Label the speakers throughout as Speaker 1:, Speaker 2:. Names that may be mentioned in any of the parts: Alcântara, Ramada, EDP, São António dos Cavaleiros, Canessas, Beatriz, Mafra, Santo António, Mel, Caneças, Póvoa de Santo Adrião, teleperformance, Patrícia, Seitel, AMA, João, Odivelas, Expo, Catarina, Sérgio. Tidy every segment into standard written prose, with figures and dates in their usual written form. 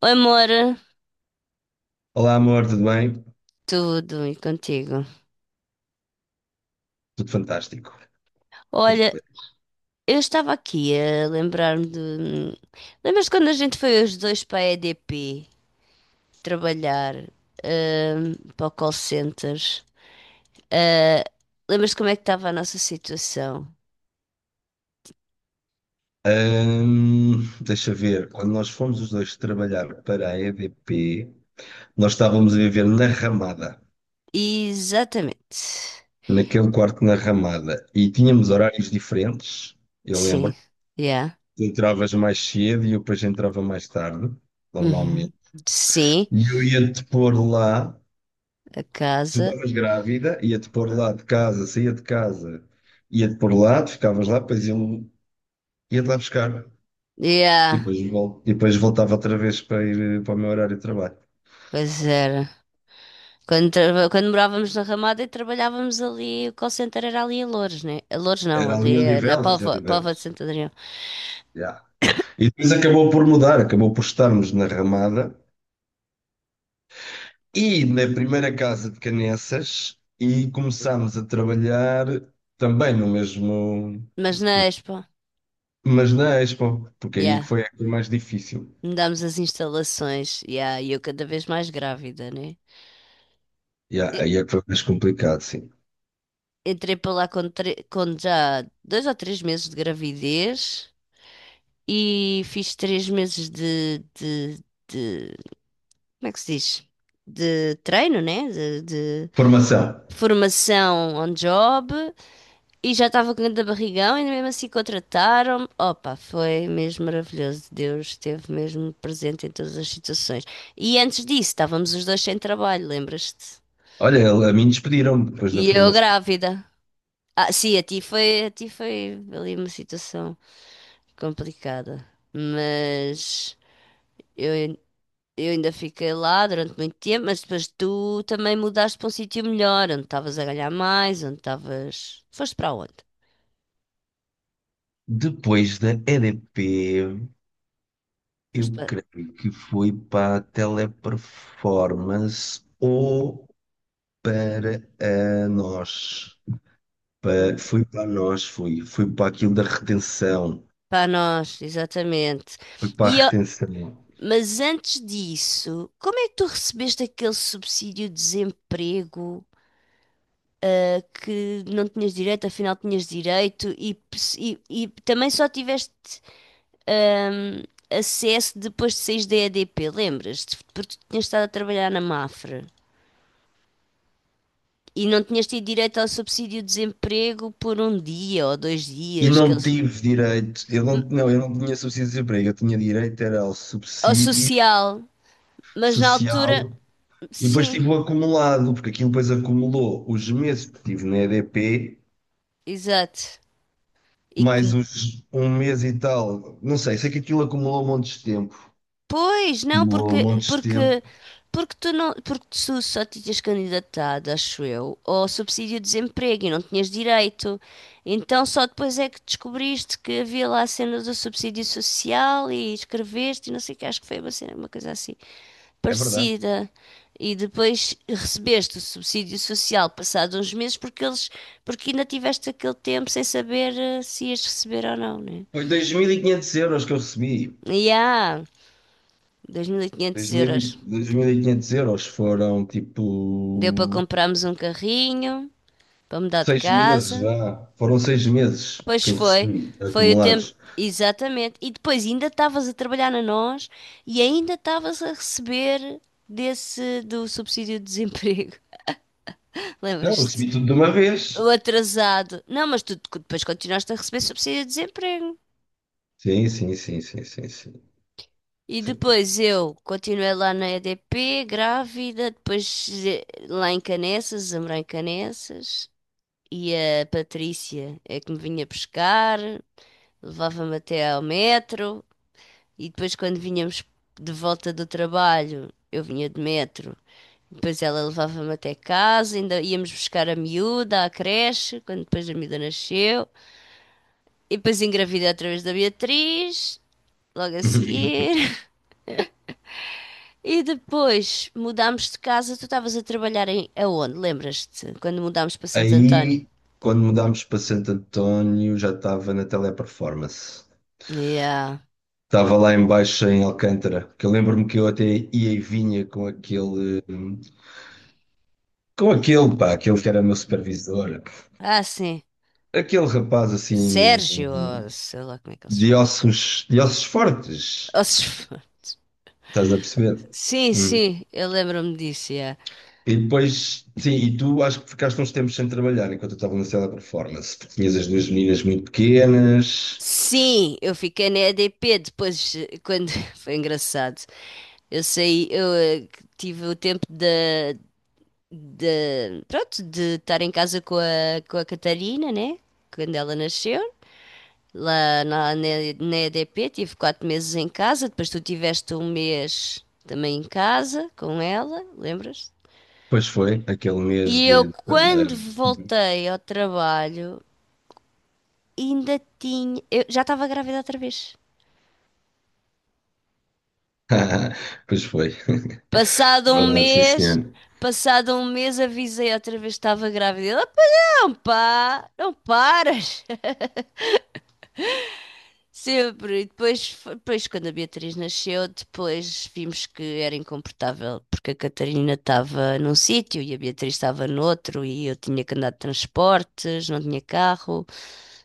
Speaker 1: Oi, amor,
Speaker 2: Olá, amor, tudo bem?
Speaker 1: tudo e contigo?
Speaker 2: Tudo fantástico. Tudo
Speaker 1: Olha,
Speaker 2: bem.
Speaker 1: eu estava aqui a lembrar-me de. Lembras-te quando a gente foi os dois para a E D P trabalhar, para o call center? Ah, lembras-te como é que estava a nossa situação?
Speaker 2: Ahm, deixa ver, quando nós fomos os dois trabalhar para a EDP, nós estávamos a viver na Ramada,
Speaker 1: Exatamente.
Speaker 2: naquele quarto na Ramada, e tínhamos horários diferentes, eu
Speaker 1: Sim,
Speaker 2: lembro.
Speaker 1: yeah.
Speaker 2: Tu entravas mais cedo e eu depois entrava mais tarde,
Speaker 1: Uhum.
Speaker 2: normalmente.
Speaker 1: Sim,
Speaker 2: E eu ia-te pôr lá,
Speaker 1: a
Speaker 2: tu
Speaker 1: casa.
Speaker 2: estavas grávida, ia-te pôr lá de casa, saía de casa, ia-te pôr lá, tu ficavas lá, depois eu ia-te lá buscar. E
Speaker 1: Yeah,
Speaker 2: depois, e depois voltava outra vez para ir para o meu horário de trabalho.
Speaker 1: pois era. Quando, quando morávamos na Ramada e trabalhávamos ali, o call center era ali a Loures, né? A Loures não,
Speaker 2: Era ali em
Speaker 1: ali na
Speaker 2: Odivelas, em
Speaker 1: Póvoa, Póvoa de
Speaker 2: Odivelas.
Speaker 1: Santo Adrião.
Speaker 2: Já. E depois acabou por mudar, acabou por estarmos na Ramada e na primeira casa de Canessas e começámos a trabalhar também no mesmo,
Speaker 1: Mas na Expo,
Speaker 2: mas na Expo, porque aí
Speaker 1: yeah,
Speaker 2: foi a coisa mais difícil.
Speaker 1: mudámos as instalações, yeah, e eu cada vez mais grávida, né?
Speaker 2: Já,
Speaker 1: E-
Speaker 2: aí é que foi mais complicado, sim.
Speaker 1: Entrei para lá com, com já 2 ou 3 meses de gravidez e fiz 3 meses de como é que se diz? De treino, né? De
Speaker 2: Formação.
Speaker 1: formação on job. E já estava com grande barrigão, e mesmo assim contrataram-me. Opa, foi mesmo maravilhoso. Deus esteve mesmo presente em todas as situações. E antes disso, estávamos os dois sem trabalho, lembras-te?
Speaker 2: Olha, a mim despediram depois da
Speaker 1: E eu
Speaker 2: formação.
Speaker 1: grávida. Ah, sim, a ti foi ali uma situação complicada. Mas eu, ain- eu ainda fiquei lá durante muito tempo, mas depois tu também mudaste para um sítio melhor, onde estavas a ganhar mais, onde estavas. Foste para onde?
Speaker 2: Depois da EDP. Eu
Speaker 1: Foste para.
Speaker 2: creio que foi para a teleperformance ou para a nós.
Speaker 1: Hum,
Speaker 2: Foi para a nós, foi. Foi para aquilo da retenção.
Speaker 1: para nós, exatamente.
Speaker 2: Foi para a
Speaker 1: E, ó,
Speaker 2: retenção.
Speaker 1: mas antes disso, como é que tu recebeste aquele subsídio de desemprego, ah, que não tinhas direito, afinal tinhas direito, e, e também só tiveste, ahm, acesso depois de saís da EDP, lembras-te? Porque tu tinhas estado a trabalhar na Mafra. E não tinhas tido direito ao subsídio de desemprego por um dia ou dois
Speaker 2: E
Speaker 1: dias, que
Speaker 2: não tive direito, eu não, eu não tinha subsídio de desemprego, eu tinha direito era ao
Speaker 1: ao
Speaker 2: subsídio
Speaker 1: social, mas na altura,
Speaker 2: social, e depois
Speaker 1: sim,
Speaker 2: tive o acumulado, porque aquilo depois acumulou os meses que tive na EDP,
Speaker 1: exato. E
Speaker 2: mais
Speaker 1: que
Speaker 2: os, um mês e tal, não sei, sei que aquilo acumulou um monte de tempo.
Speaker 1: pois, não,
Speaker 2: Demorou
Speaker 1: porque,
Speaker 2: montes de
Speaker 1: porque,
Speaker 2: tempo.
Speaker 1: porque tu não, porque tu só te tinhas candidatado, acho eu, ao subsídio de desemprego e não tinhas direito. Então só depois é que descobriste que havia lá a cena do subsídio social e escreveste e não sei o que, acho que foi uma cena, uma coisa assim
Speaker 2: É verdade.
Speaker 1: parecida. E depois recebeste o subsídio social passado uns meses porque eles, porque ainda tiveste aquele tempo sem saber se ias receber ou não, né?
Speaker 2: Foi 2.500 euros que eu recebi.
Speaker 1: E há 2.500
Speaker 2: 2.000
Speaker 1: euros.
Speaker 2: e- 2.500 euros foram
Speaker 1: Deu para
Speaker 2: tipo
Speaker 1: comprarmos um carrinho, para mudar de
Speaker 2: seis meses
Speaker 1: casa.
Speaker 2: já. Foram seis meses
Speaker 1: Pois
Speaker 2: que eu
Speaker 1: foi,
Speaker 2: recebi
Speaker 1: foi o tempo,
Speaker 2: acumulados.
Speaker 1: exatamente. E depois ainda estavas a trabalhar na nós e ainda estavas a receber desse do subsídio de desemprego.
Speaker 2: Não, eu
Speaker 1: Lembras-te?
Speaker 2: recebi tudo de uma vez.
Speaker 1: O atrasado. Não, mas tu depois continuaste a receber subsídio de desemprego.
Speaker 2: Sim, sim, sim, sim, sim, sim.
Speaker 1: E
Speaker 2: sim.
Speaker 1: depois eu continuei lá na EDP, grávida, depois lá em Caneças, a morar em Caneças. E a Patrícia é que me vinha pescar. Levava-me até ao metro e depois quando vinhamos de volta do trabalho, eu vinha de metro. Depois ela levava-me até casa, ainda íamos buscar a miúda à creche, quando depois a miúda nasceu. E depois engravidei através da Beatriz, logo a seguir. E depois mudámos de casa, tu estavas a trabalhar em aonde? Lembras-te? Quando mudámos para Santo António.
Speaker 2: Aí, quando mudámos para Santo António, já estava na Teleperformance.
Speaker 1: Yeah.
Speaker 2: Estava lá embaixo em Alcântara, que eu lembro-me que eu até ia e vinha com aquele. Com aquele, pá, aquele que era meu supervisor,
Speaker 1: Ah, sim.
Speaker 2: aquele rapaz assim
Speaker 1: Sérgio, ou sei lá como é que ele se chama.
Speaker 2: de ossos fortes,
Speaker 1: Ou se-
Speaker 2: estás a perceber?
Speaker 1: Sim,
Speaker 2: Hum.
Speaker 1: sim, eu lembro-me disso, yeah.
Speaker 2: E depois, sim, e tu acho que ficaste uns tempos sem trabalhar enquanto eu estava na sala de performance, porque tinhas as duas meninas muito pequenas,
Speaker 1: Sim, eu fiquei na EDP depois, quando... Foi engraçado. Eu saí, eu eh, tive o tempo de, pronto, de estar em casa com a Catarina, né? Quando ela nasceu. Lá na EDP tive 4 meses em casa, depois tu tiveste 1 mês também em casa com ela, lembras?
Speaker 2: pois foi, aquele mês
Speaker 1: E
Speaker 2: de.
Speaker 1: eu, quando
Speaker 2: De-
Speaker 1: voltei ao trabalho, ainda tinha. Eu já estava grávida outra vez.
Speaker 2: Pois foi,
Speaker 1: Passado um
Speaker 2: verdade, sim
Speaker 1: mês,
Speaker 2: senhor.
Speaker 1: passado um mês avisei outra vez que estava grávida. Ela, não pá, não paras. Sempre. E depois, depois, quando a Beatriz nasceu, depois vimos que era incomportável, porque a Catarina estava num sítio e a Beatriz estava no outro, e eu tinha que andar de transportes, não tinha carro.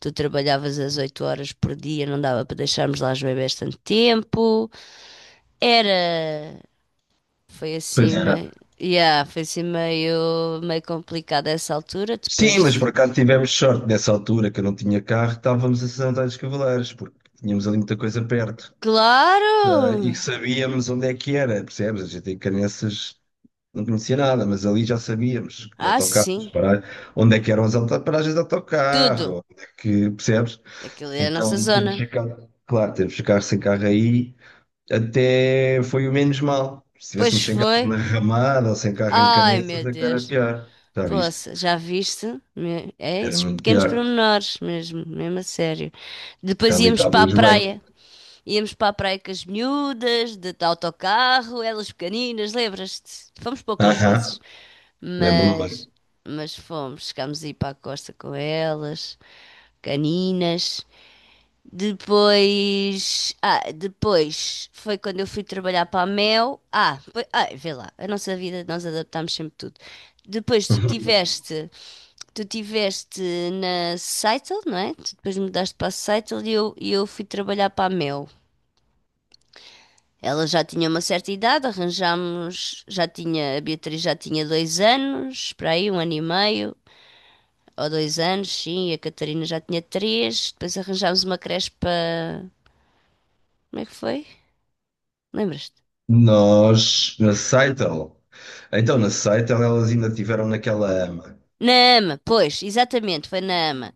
Speaker 1: Tu trabalhavas às 8 horas por dia, não dava para deixarmos lá os bebés tanto tempo. Era foi
Speaker 2: Pois
Speaker 1: assim
Speaker 2: era.
Speaker 1: meio. Yeah, foi assim meio complicado essa altura.
Speaker 2: Sim, mas
Speaker 1: Depois.
Speaker 2: por acaso tivemos sorte nessa altura que eu não tinha carro, estávamos a São António dos Cavaleiros, porque tínhamos ali muita coisa perto,
Speaker 1: Claro!
Speaker 2: tá? E que sabíamos onde é que era, percebes? A gente em Caneças não conhecia nada, mas ali já sabíamos, com
Speaker 1: Ah,
Speaker 2: autocarros,
Speaker 1: sim.
Speaker 2: para, onde é que eram as paragens de
Speaker 1: Tudo.
Speaker 2: autocarro, onde é que, percebes?
Speaker 1: Aquilo é a nossa
Speaker 2: Então temos
Speaker 1: zona.
Speaker 2: ficado, claro, temos ficado sem carro aí, até foi o menos mal. Se
Speaker 1: Pois
Speaker 2: tivéssemos sem carro
Speaker 1: foi.
Speaker 2: na Ramada ou sem carro em
Speaker 1: Ai, meu
Speaker 2: Caneças, é que era
Speaker 1: Deus.
Speaker 2: pior, já viste?
Speaker 1: Poxa, já viste? É
Speaker 2: Era
Speaker 1: esses
Speaker 2: muito
Speaker 1: pequenos
Speaker 2: pior.
Speaker 1: pormenores mesmo, mesmo a sério. Depois
Speaker 2: Ali
Speaker 1: íamos para a
Speaker 2: estávamos bem.
Speaker 1: praia. Íamos para a praia com as miúdas, de autocarro, elas pequeninas, lembras-te? Fomos poucas vezes.
Speaker 2: Aham, lembro-me bem.
Speaker 1: Mas, mas fomos, chegámos a ir para a costa com elas, caninas. Depois, ah, depois foi quando eu fui trabalhar para a Mel. Ah, foi, ah, vê lá, a nossa vida nós adaptámos sempre tudo. Depois tu tiveste, tu tiveste na Seitel, não é? Tu depois mudaste para a Seitel e eu fui trabalhar para a Mel. Ela já tinha uma certa idade, arranjámos, já tinha, a Beatriz já tinha 2 anos, para aí, 1 ano e meio, ou 2 anos, sim, e a Catarina já tinha três. Depois arranjámos uma creche para. Como é que foi? Lembras-te?
Speaker 2: Nós, na Seitel, então na Seitel elas ainda tiveram naquela ama.
Speaker 1: Na AMA, pois, exatamente, foi na AMA.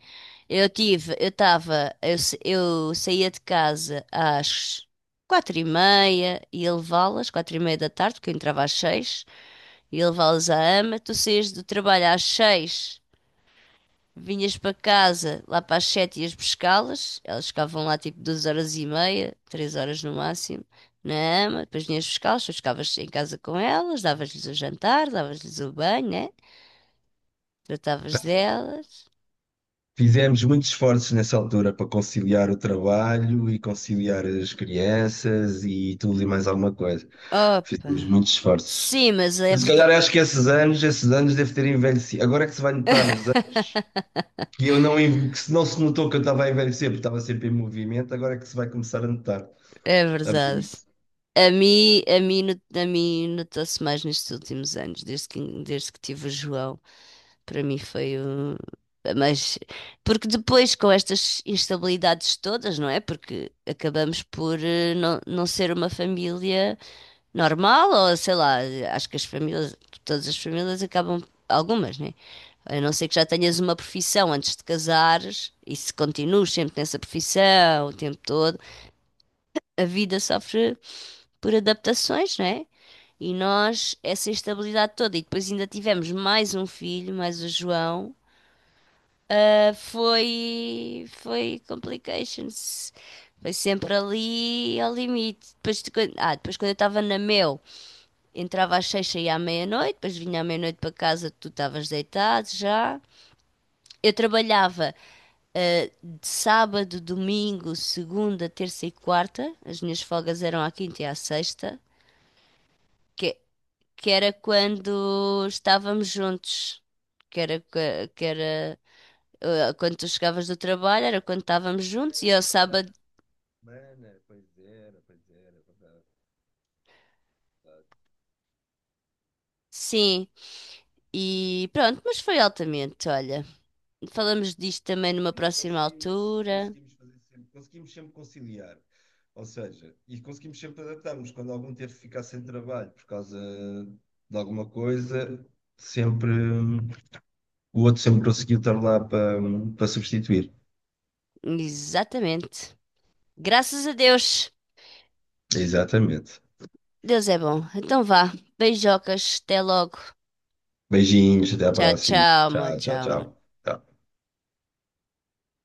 Speaker 1: Eu tive, eu estava, eu saía de casa às quatro e meia e ia levá-las, quatro e meia da tarde, porque eu entrava às seis, ia levá-las à AMA. Tu saías do trabalho às seis. Vinhas para casa lá para as sete, ias buscá-las, elas ficavam lá tipo 2 horas e meia, 3 horas no máximo, na ama, depois vinhas buscá-las, depois ficavas em casa com elas, davas-lhes o jantar, davas-lhes o banho, né? Tratavas delas.
Speaker 2: Fizemos muitos esforços nessa altura para conciliar o trabalho e conciliar as crianças e tudo e mais alguma coisa. Fizemos
Speaker 1: Opa!
Speaker 2: muitos esforços.
Speaker 1: Sim, mas é
Speaker 2: Se
Speaker 1: verdade.
Speaker 2: calhar acho que esses anos deve ter envelhecido. Agora é que se vai notar os anos, que se não se notou que eu estava a envelhecer, porque estava sempre em movimento, agora é que se vai começar a notar.
Speaker 1: É
Speaker 2: A ver
Speaker 1: verdade.
Speaker 2: isso.
Speaker 1: A mim, a mim notou-se mais nestes últimos anos, desde que tive o João. Para mim foi um... Mas, porque depois com estas instabilidades todas, não é? Porque acabamos por não, não ser uma família normal, ou sei lá, acho que as famílias, todas as famílias acabam, algumas, né? A não ser que já tenhas uma profissão antes de casares e se continuas sempre nessa profissão o tempo todo, a vida sofre por adaptações, né? E nós, essa instabilidade toda, e depois ainda tivemos mais um filho, mais o João, ah, foi, foi complications. Foi sempre ali ao limite. Depois, de ah, depois quando eu estava na Mel, entrava às seis, saía à meia-noite, depois vinha à meia-noite para casa, tu estavas deitado já. Eu trabalhava, ah, de sábado, domingo, segunda, terça e quarta. As minhas folgas eram à quinta e à sexta, que, que era quando estávamos juntos. Que era eh, quando tu chegavas do trabalho, era quando estávamos juntos, e ao sábado,
Speaker 2: Mana, pois era, é verdade, é verdade.
Speaker 1: sim. E pronto, mas foi altamente, olha. Falamos disto também numa
Speaker 2: Sim,
Speaker 1: próxima
Speaker 2: Conseguimos,
Speaker 1: altura.
Speaker 2: conseguimos fazer sempre, conseguimos sempre conciliar. Ou seja, e conseguimos sempre adaptarmos. Quando algum teve que ficar sem trabalho por causa de alguma coisa, sempre o outro sempre conseguiu estar lá para substituir.
Speaker 1: Exatamente. Graças a Deus.
Speaker 2: Exatamente.
Speaker 1: Deus é bom. Então vá. Beijocas. Até logo.
Speaker 2: Beijinhos, até à
Speaker 1: Tchau,
Speaker 2: próxima.
Speaker 1: tchau, amor.
Speaker 2: Tchau, tchau,
Speaker 1: Tchau, amor.
Speaker 2: tchau. Tchau.